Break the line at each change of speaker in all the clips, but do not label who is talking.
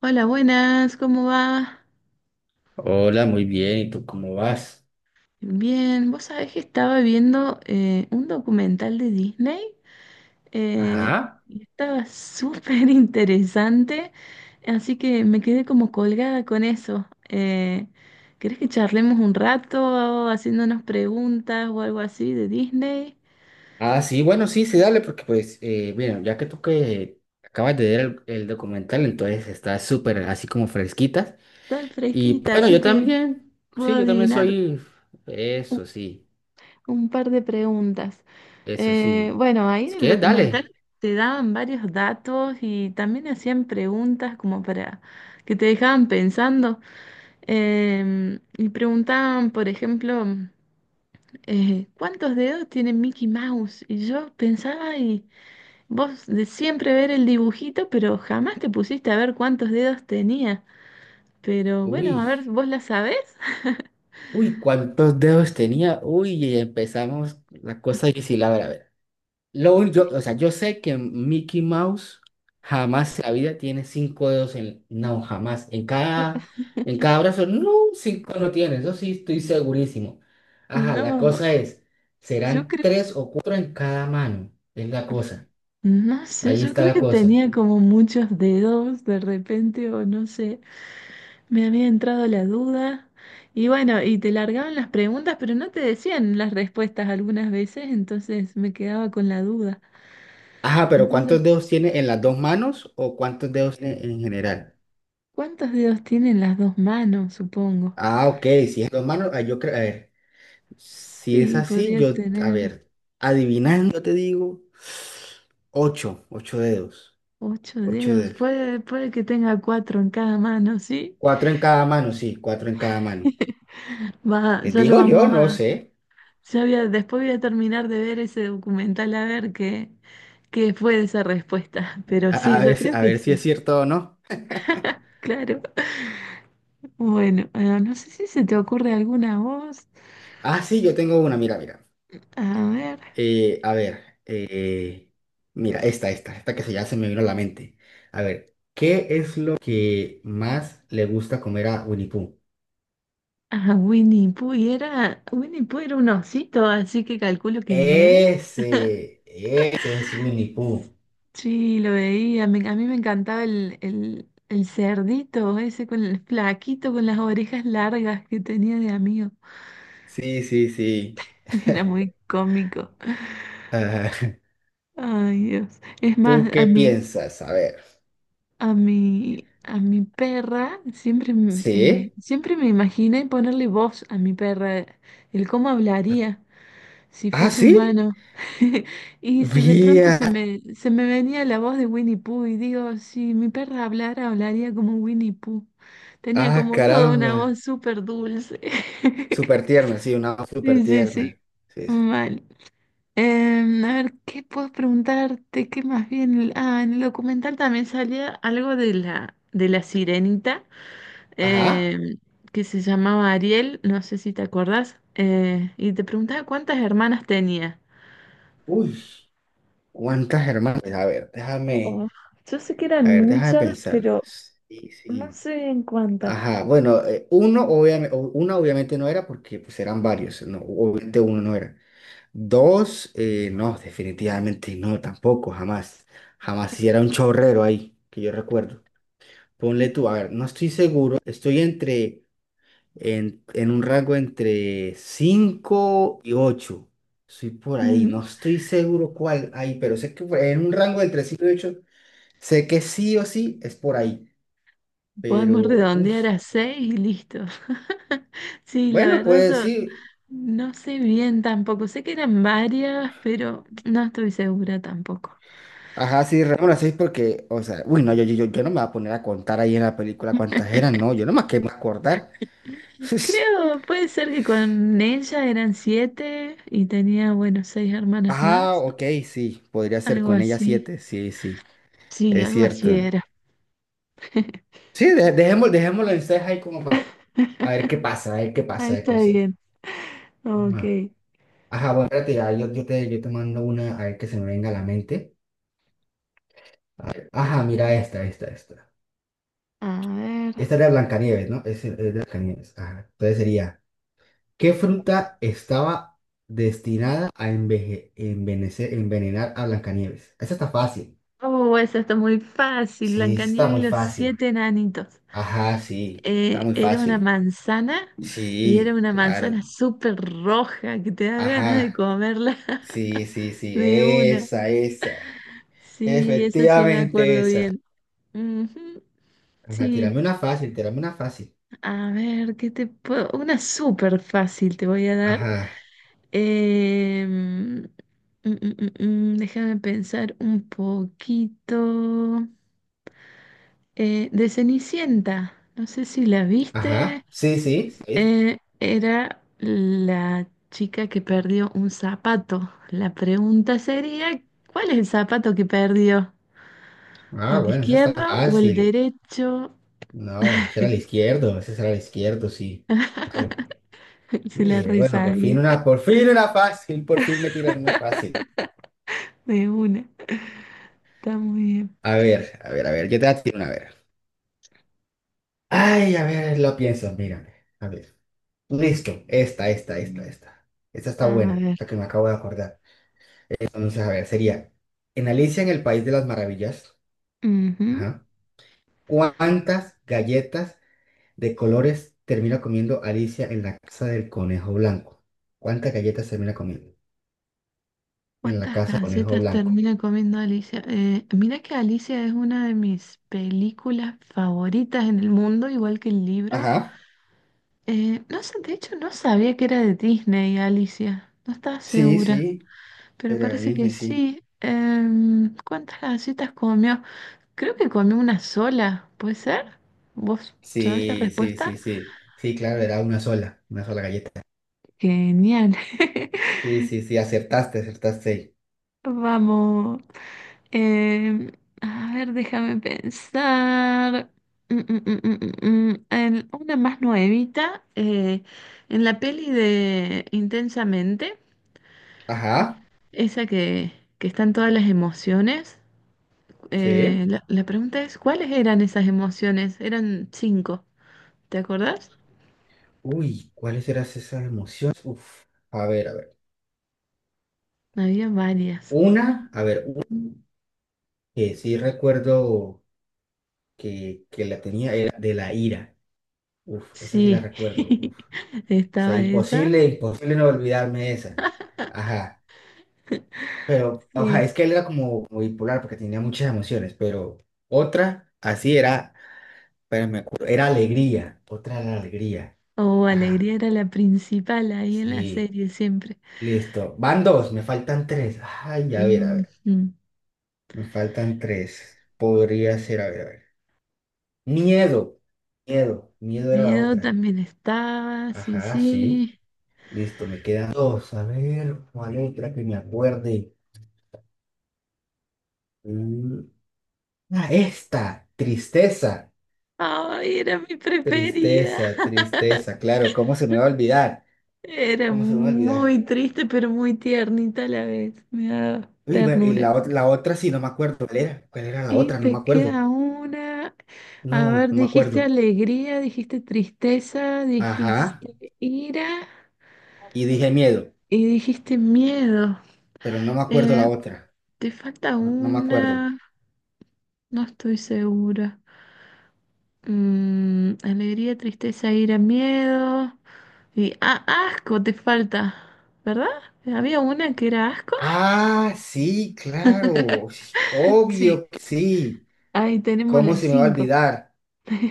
Hola, buenas, ¿cómo va?
Hola, muy bien. ¿Y tú cómo vas?
Bien, vos sabés que estaba viendo un documental de Disney eh,
Ajá.
y estaba súper interesante, así que me quedé como colgada con eso. ¿Querés que charlemos un rato haciéndonos preguntas o algo así de Disney?
Ah, sí, bueno, sí, sí, dale, porque pues, bueno, ya que tú que acabas de ver el documental, entonces está súper así como fresquita.
Está
Y
fresquita,
bueno,
así
yo
que
también,
puedo
sí, yo también
adivinar.
soy, eso sí,
Un par de preguntas.
eso sí.
Bueno, ahí
Si
en el
quieres,
documental
dale.
te daban varios datos y también hacían preguntas como para que te dejaban pensando. Y preguntaban, por ejemplo, ¿cuántos dedos tiene Mickey Mouse? Y yo pensaba, y vos de siempre ver el dibujito, pero jamás te pusiste a ver cuántos dedos tenía. Pero bueno,
Uy,
a ver, ¿vos la sabés?
uy, ¿cuántos dedos tenía? Uy, y empezamos la cosa difícil, a ver, a ver. Yo, o sea, yo sé que Mickey Mouse jamás en la vida tiene cinco dedos en... No, jamás. En cada brazo, no, cinco no tiene. Eso sí estoy segurísimo. Ajá, la
No,
cosa es,
yo
serán
creo.
tres o cuatro en cada mano. Es la cosa.
No sé,
Ahí
yo
está
creo
la
que
cosa.
tenía como muchos dedos de repente, o no sé, me había entrado la duda. Y bueno, y te largaban las preguntas, pero no te decían las respuestas algunas veces, entonces me quedaba con la duda.
Ajá, pero
Entonces,
¿cuántos dedos tiene en las dos manos o cuántos dedos tiene en general?
¿cuántos dedos tienen las dos manos, supongo?
Ah, ok, si es dos manos, ah, yo creo, a ver. Si es
Sí,
así,
podría
yo, a
tener
ver, adivinando te digo, ocho, ocho dedos,
ocho
ocho
dedos.
dedos.
Puede, puede que tenga cuatro en cada mano, ¿sí?
Cuatro en cada mano, sí, cuatro en cada mano.
Va,
Les
ya lo
digo yo,
vamos
no
a.
sé.
Después voy a terminar de ver ese documental a ver qué, qué fue de esa respuesta. Pero
A, a
sí, yo
ver,
creo
a
que
ver si es
sí,
cierto o no.
claro. Bueno, ah, no sé si se te ocurre alguna voz.
Ah, sí, yo tengo una, mira, mira.
A ver.
A ver, mira, esta que se ya se me vino a la mente. A ver, ¿qué es lo que más le gusta comer a Winnie Pooh?
Ah, Winnie Pooh, y era, Winnie Pooh era un osito, así que calculo que miel.
Ese es Winnie Pooh.
Sí, lo veía. A mí me encantaba el cerdito, ese con el flaquito con las orejas largas que tenía de amigo.
Sí, sí, sí.
Era muy cómico.
Ah,
Ay, Dios. Es
¿tú
más, a
qué
mí.
piensas? A ver.
A mi perra siempre,
¿Sí?
siempre me imaginé ponerle voz a mi perra, el cómo hablaría si
¿Ah,
fuese
sí?
humano. De pronto se
Vía.
me, se me venía la voz de Winnie Pooh y digo, si mi perra hablara, hablaría como Winnie Pooh. Tenía
Ah,
como toda una
caramba.
voz súper dulce.
Súper tierna, sí, una voz súper
Sí, sí, sí.
tierna. Sí, sí.
Mal. A ver, ¿qué puedo preguntarte? ¿Qué más bien? Ah, en el documental también salía algo de la sirenita
Ajá.
em, que se llamaba Ariel, no sé si te acordás, y te preguntaba cuántas hermanas tenía.
Uy, cuántas hermanas. Pues, a ver, déjame,
Oh, yo sé que
a
eran
ver, déjame
muchas,
pensarlo.
pero
Sí,
no
sí.
sé bien cuántas.
Ajá, bueno, uno obviamente, una obviamente no era porque pues eran varios, no, obviamente uno no era. Dos, no, definitivamente no, tampoco, jamás. Jamás, si era un chorrero ahí, que yo recuerdo. Ponle tú, a ver, no estoy seguro, estoy entre, en un rango entre 5 y ocho. Soy por ahí,
Mm,
no estoy seguro cuál hay, pero sé que fue en un rango entre 5 y ocho. Sé que sí o sí es por ahí.
podemos
Pero, uy,
redondear a seis y listo. Sí, la
bueno,
verdad yo
pues sí.
no sé bien tampoco, sé que eran varias, pero no estoy segura tampoco.
Ajá, sí, Ramón, las seis porque, o sea, uy, no, yo, yo no me voy a poner a contar ahí en la película cuántas eran, no, yo nomás que me acordar.
Creo, puede ser que con ella eran siete y tenía, bueno, seis hermanas
Ajá,
más,
ok, sí, podría ser
algo
con ella
así.
siete, sí, sí,
Sí,
es
algo así
cierto.
era.
Sí, dejémoslo en seis ahí como para, a ver qué pasa, a ver qué pasa
Ahí
de
está
cosas.
bien.
Ajá.
Ok.
Ajá, bueno, espérate, ya, yo, yo te mando una, a ver que se me venga a la mente. Ajá, mira esta.
A ver.
Esta era de Blancanieves, ¿no? Es de Blancanieves, ajá. Entonces sería... ¿Qué fruta estaba destinada a envenenar a Blancanieves? Esa está fácil.
Oh, esa está muy fácil.
Sí, esa está
Blancanieves y
muy
los
fácil.
siete enanitos.
Ajá, sí, está muy
Era una
fácil.
manzana y era
Sí,
una manzana
claro.
súper roja que te da ganas de
Ajá,
comerla
sí, sí, sí,
de una.
esa, esa.
Sí, esa sí me
Efectivamente
acuerdo
esa.
bien. Ujú.
Ajá,
Sí.
tírame una fácil, tírame una fácil.
A ver, ¿qué te puedo? Una súper fácil te voy a dar.
Ajá,
Em, mm, mm, déjame pensar un poquito. De Cenicienta, no sé si la viste.
ajá, sí, sí, sí.
Era la chica que perdió un zapato. La pregunta sería, ¿cuál es el zapato que perdió?
Ah,
¿El
bueno, esa está
izquierdo o el
fácil.
derecho?
No, ese era el izquierdo, ese era el izquierdo, sí. Claro,
Se
yo
la
dije, bueno,
resabía
por fin una fácil, por fin me tiran una fácil.
de una. Está muy bien.
A ver, a ver, a ver, yo te voy a tirar una, a ver. Ay, a ver, lo pienso, mírame. A ver. Listo, esta. Esta
A
está buena,
ver.
la que me acabo de acordar. Entonces, a ver, sería, en Alicia en el País de las Maravillas,
Ujú.
ajá, ¿cuántas galletas de colores termina comiendo Alicia en la casa del conejo blanco? ¿Cuántas galletas termina comiendo en la
¿Cuántas
casa del conejo
galletas
blanco?
termina comiendo Alicia? Mira que Alicia es una de mis películas favoritas en el mundo, igual que el libro.
Ajá,
No sé, de hecho no sabía que era de Disney, Alicia. No estaba
sí,
segura,
sí,
pero
era de
parece que
Disney, sí.
sí. ¿Cuántas galletas comió? Creo que comió una sola, ¿puede ser? ¿Vos sabés la
Sí, sí,
respuesta?
sí, sí. Sí, claro, era una sola galleta.
Genial.
Sí, sí, sí, acertaste, acertaste ahí.
Vamos. Em, a ver, déjame pensar. Mm. En una más nuevita, en la peli de Intensamente,
Ajá,
esa que están todas las emociones,
sí.
la pregunta es, ¿cuáles eran esas emociones? Eran cinco, ¿te acordás?
Uy, ¿cuáles eran esas emociones? Uf, a ver, a ver.
Había varias.
Una, a ver, una que sí recuerdo que la tenía era de la ira. Uf, esa sí la
Sí,
recuerdo. Uf. O sea,
estaba esa.
imposible, imposible no olvidarme de esa. Ajá. Pero, oja,
Sí.
es que él era como bipolar porque tenía muchas emociones, pero otra, así era. Pero me acuerdo, era alegría, otra era alegría.
O
Ajá,
alegría era la principal ahí en la
sí,
serie siempre.
listo. Van dos, me faltan tres. Ay, a ver, a ver.
Ujú.
Me faltan tres. Podría ser, a ver, a ver. Miedo, miedo, miedo era la
Miedo
otra.
también estaba, sí,
Ajá, sí.
sí.
Listo, me quedan dos. A ver, ¿cuál otra que me acuerde? Mm, Ah, esta, tristeza,
Ay, era mi preferida.
tristeza, tristeza. Claro, ¿cómo se me va a olvidar?
Era
¿Cómo se me va a olvidar?
muy triste, pero muy tiernita a la vez. Me daba
Uy, y
ternura.
la otra sí, no me acuerdo. ¿Cuál era? ¿Cuál era la
Y
otra? No
te
me acuerdo.
queda una. A
No,
ver,
no me
dijiste
acuerdo.
alegría, dijiste tristeza, dijiste
Ajá.
ira
Y dije miedo,
y dijiste miedo.
pero no me acuerdo la
Eh,
otra.
te falta
No, no me acuerdo.
una. No estoy segura. Mm, alegría, tristeza, ira, miedo. Y ah, asco te falta, ¿verdad? Había una que era asco.
Ah, sí, claro. Sí,
Sí,
obvio que sí.
ahí tenemos
¿Cómo
las
se me va a
cinco.
olvidar?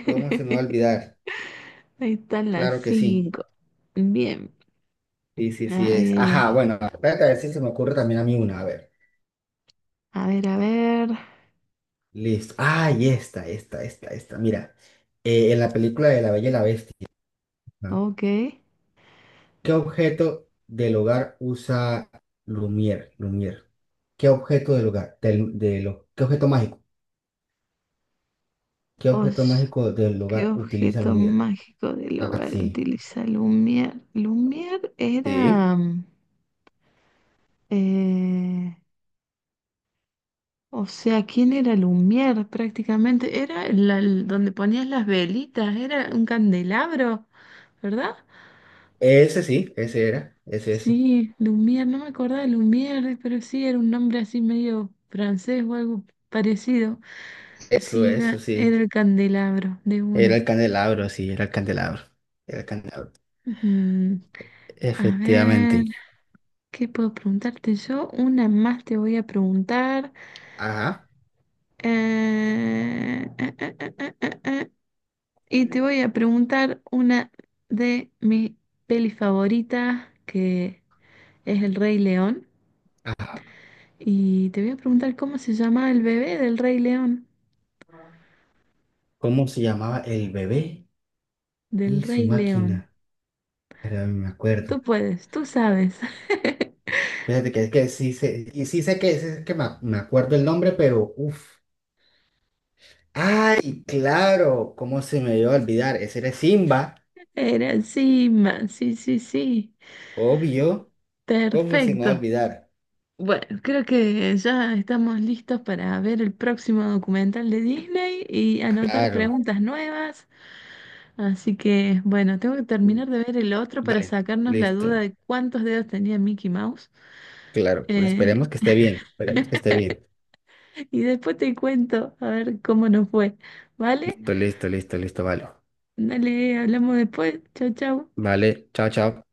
¿Cómo se me va a olvidar?
Ahí están las
Claro que sí.
cinco. Bien.
Sí, sí, sí
Ay,
es.
ay, ay.
Ajá, bueno, espérate a ver si se me ocurre también a mí una. A ver.
A ver, a ver.
Listo. Ah, y esta. Mira, en la película de La Bella y la Bestia. ¿No?
Ok.
¿Qué objeto del hogar usa Lumière? Lumière. ¿Qué objeto del hogar? ¿Qué objeto mágico? ¿Qué objeto
Os,
mágico del
¿qué
hogar utiliza
objeto
Lumière?
mágico del
Ah,
hogar
sí.
utiliza Lumière? Lumière
Sí.
era... mm, eh, o sea, ¿quién era Lumière prácticamente? Era donde ponías las velitas, era un candelabro, ¿verdad?
Ese sí, ese era. Ese, ese.
Sí, Lumière, no me acordaba de Lumière, pero sí era un nombre así medio francés o algo parecido.
Eso,
Así era,
eso sí.
era el candelabro de
Era
una.
el candelabro, sí, era el candelabro. Era el candelabro.
Mm, a ver,
Efectivamente.
¿qué puedo preguntarte yo? Una más te voy a preguntar.
Ajá.
eh, eh, eh, eh, eh, eh, eh, eh. Y te voy a preguntar una de mi peli favorita, que es El Rey León.
Ajá.
Y te voy a preguntar cómo se llama el bebé del Rey León.
¿Cómo se llamaba el bebé
Del
y su
Rey León.
máquina? Pero me
Tú
acuerdo.
puedes, tú sabes.
Fíjate que sí sé, y sí sé que me acuerdo el nombre, pero uff. Ay, claro, ¿cómo se me iba a olvidar? Ese era Simba,
Era encima, sí, sí, sí.
obvio. ¿Cómo se me va a
Perfecto.
olvidar?
Bueno, creo que ya estamos listos para ver el próximo documental de Disney y anotar
Claro.
preguntas nuevas. Así que, bueno, tengo que terminar de ver el otro para
Dale,
sacarnos la
listo.
duda de cuántos dedos tenía Mickey Mouse.
Claro, pues
Eh,
esperemos que esté bien. Esperemos que esté bien.
y después te cuento a ver cómo nos fue. ¿Vale?
Listo, listo, listo, listo, vale.
Dale, hablamos después. Chau, chau.
Vale, chao, chao.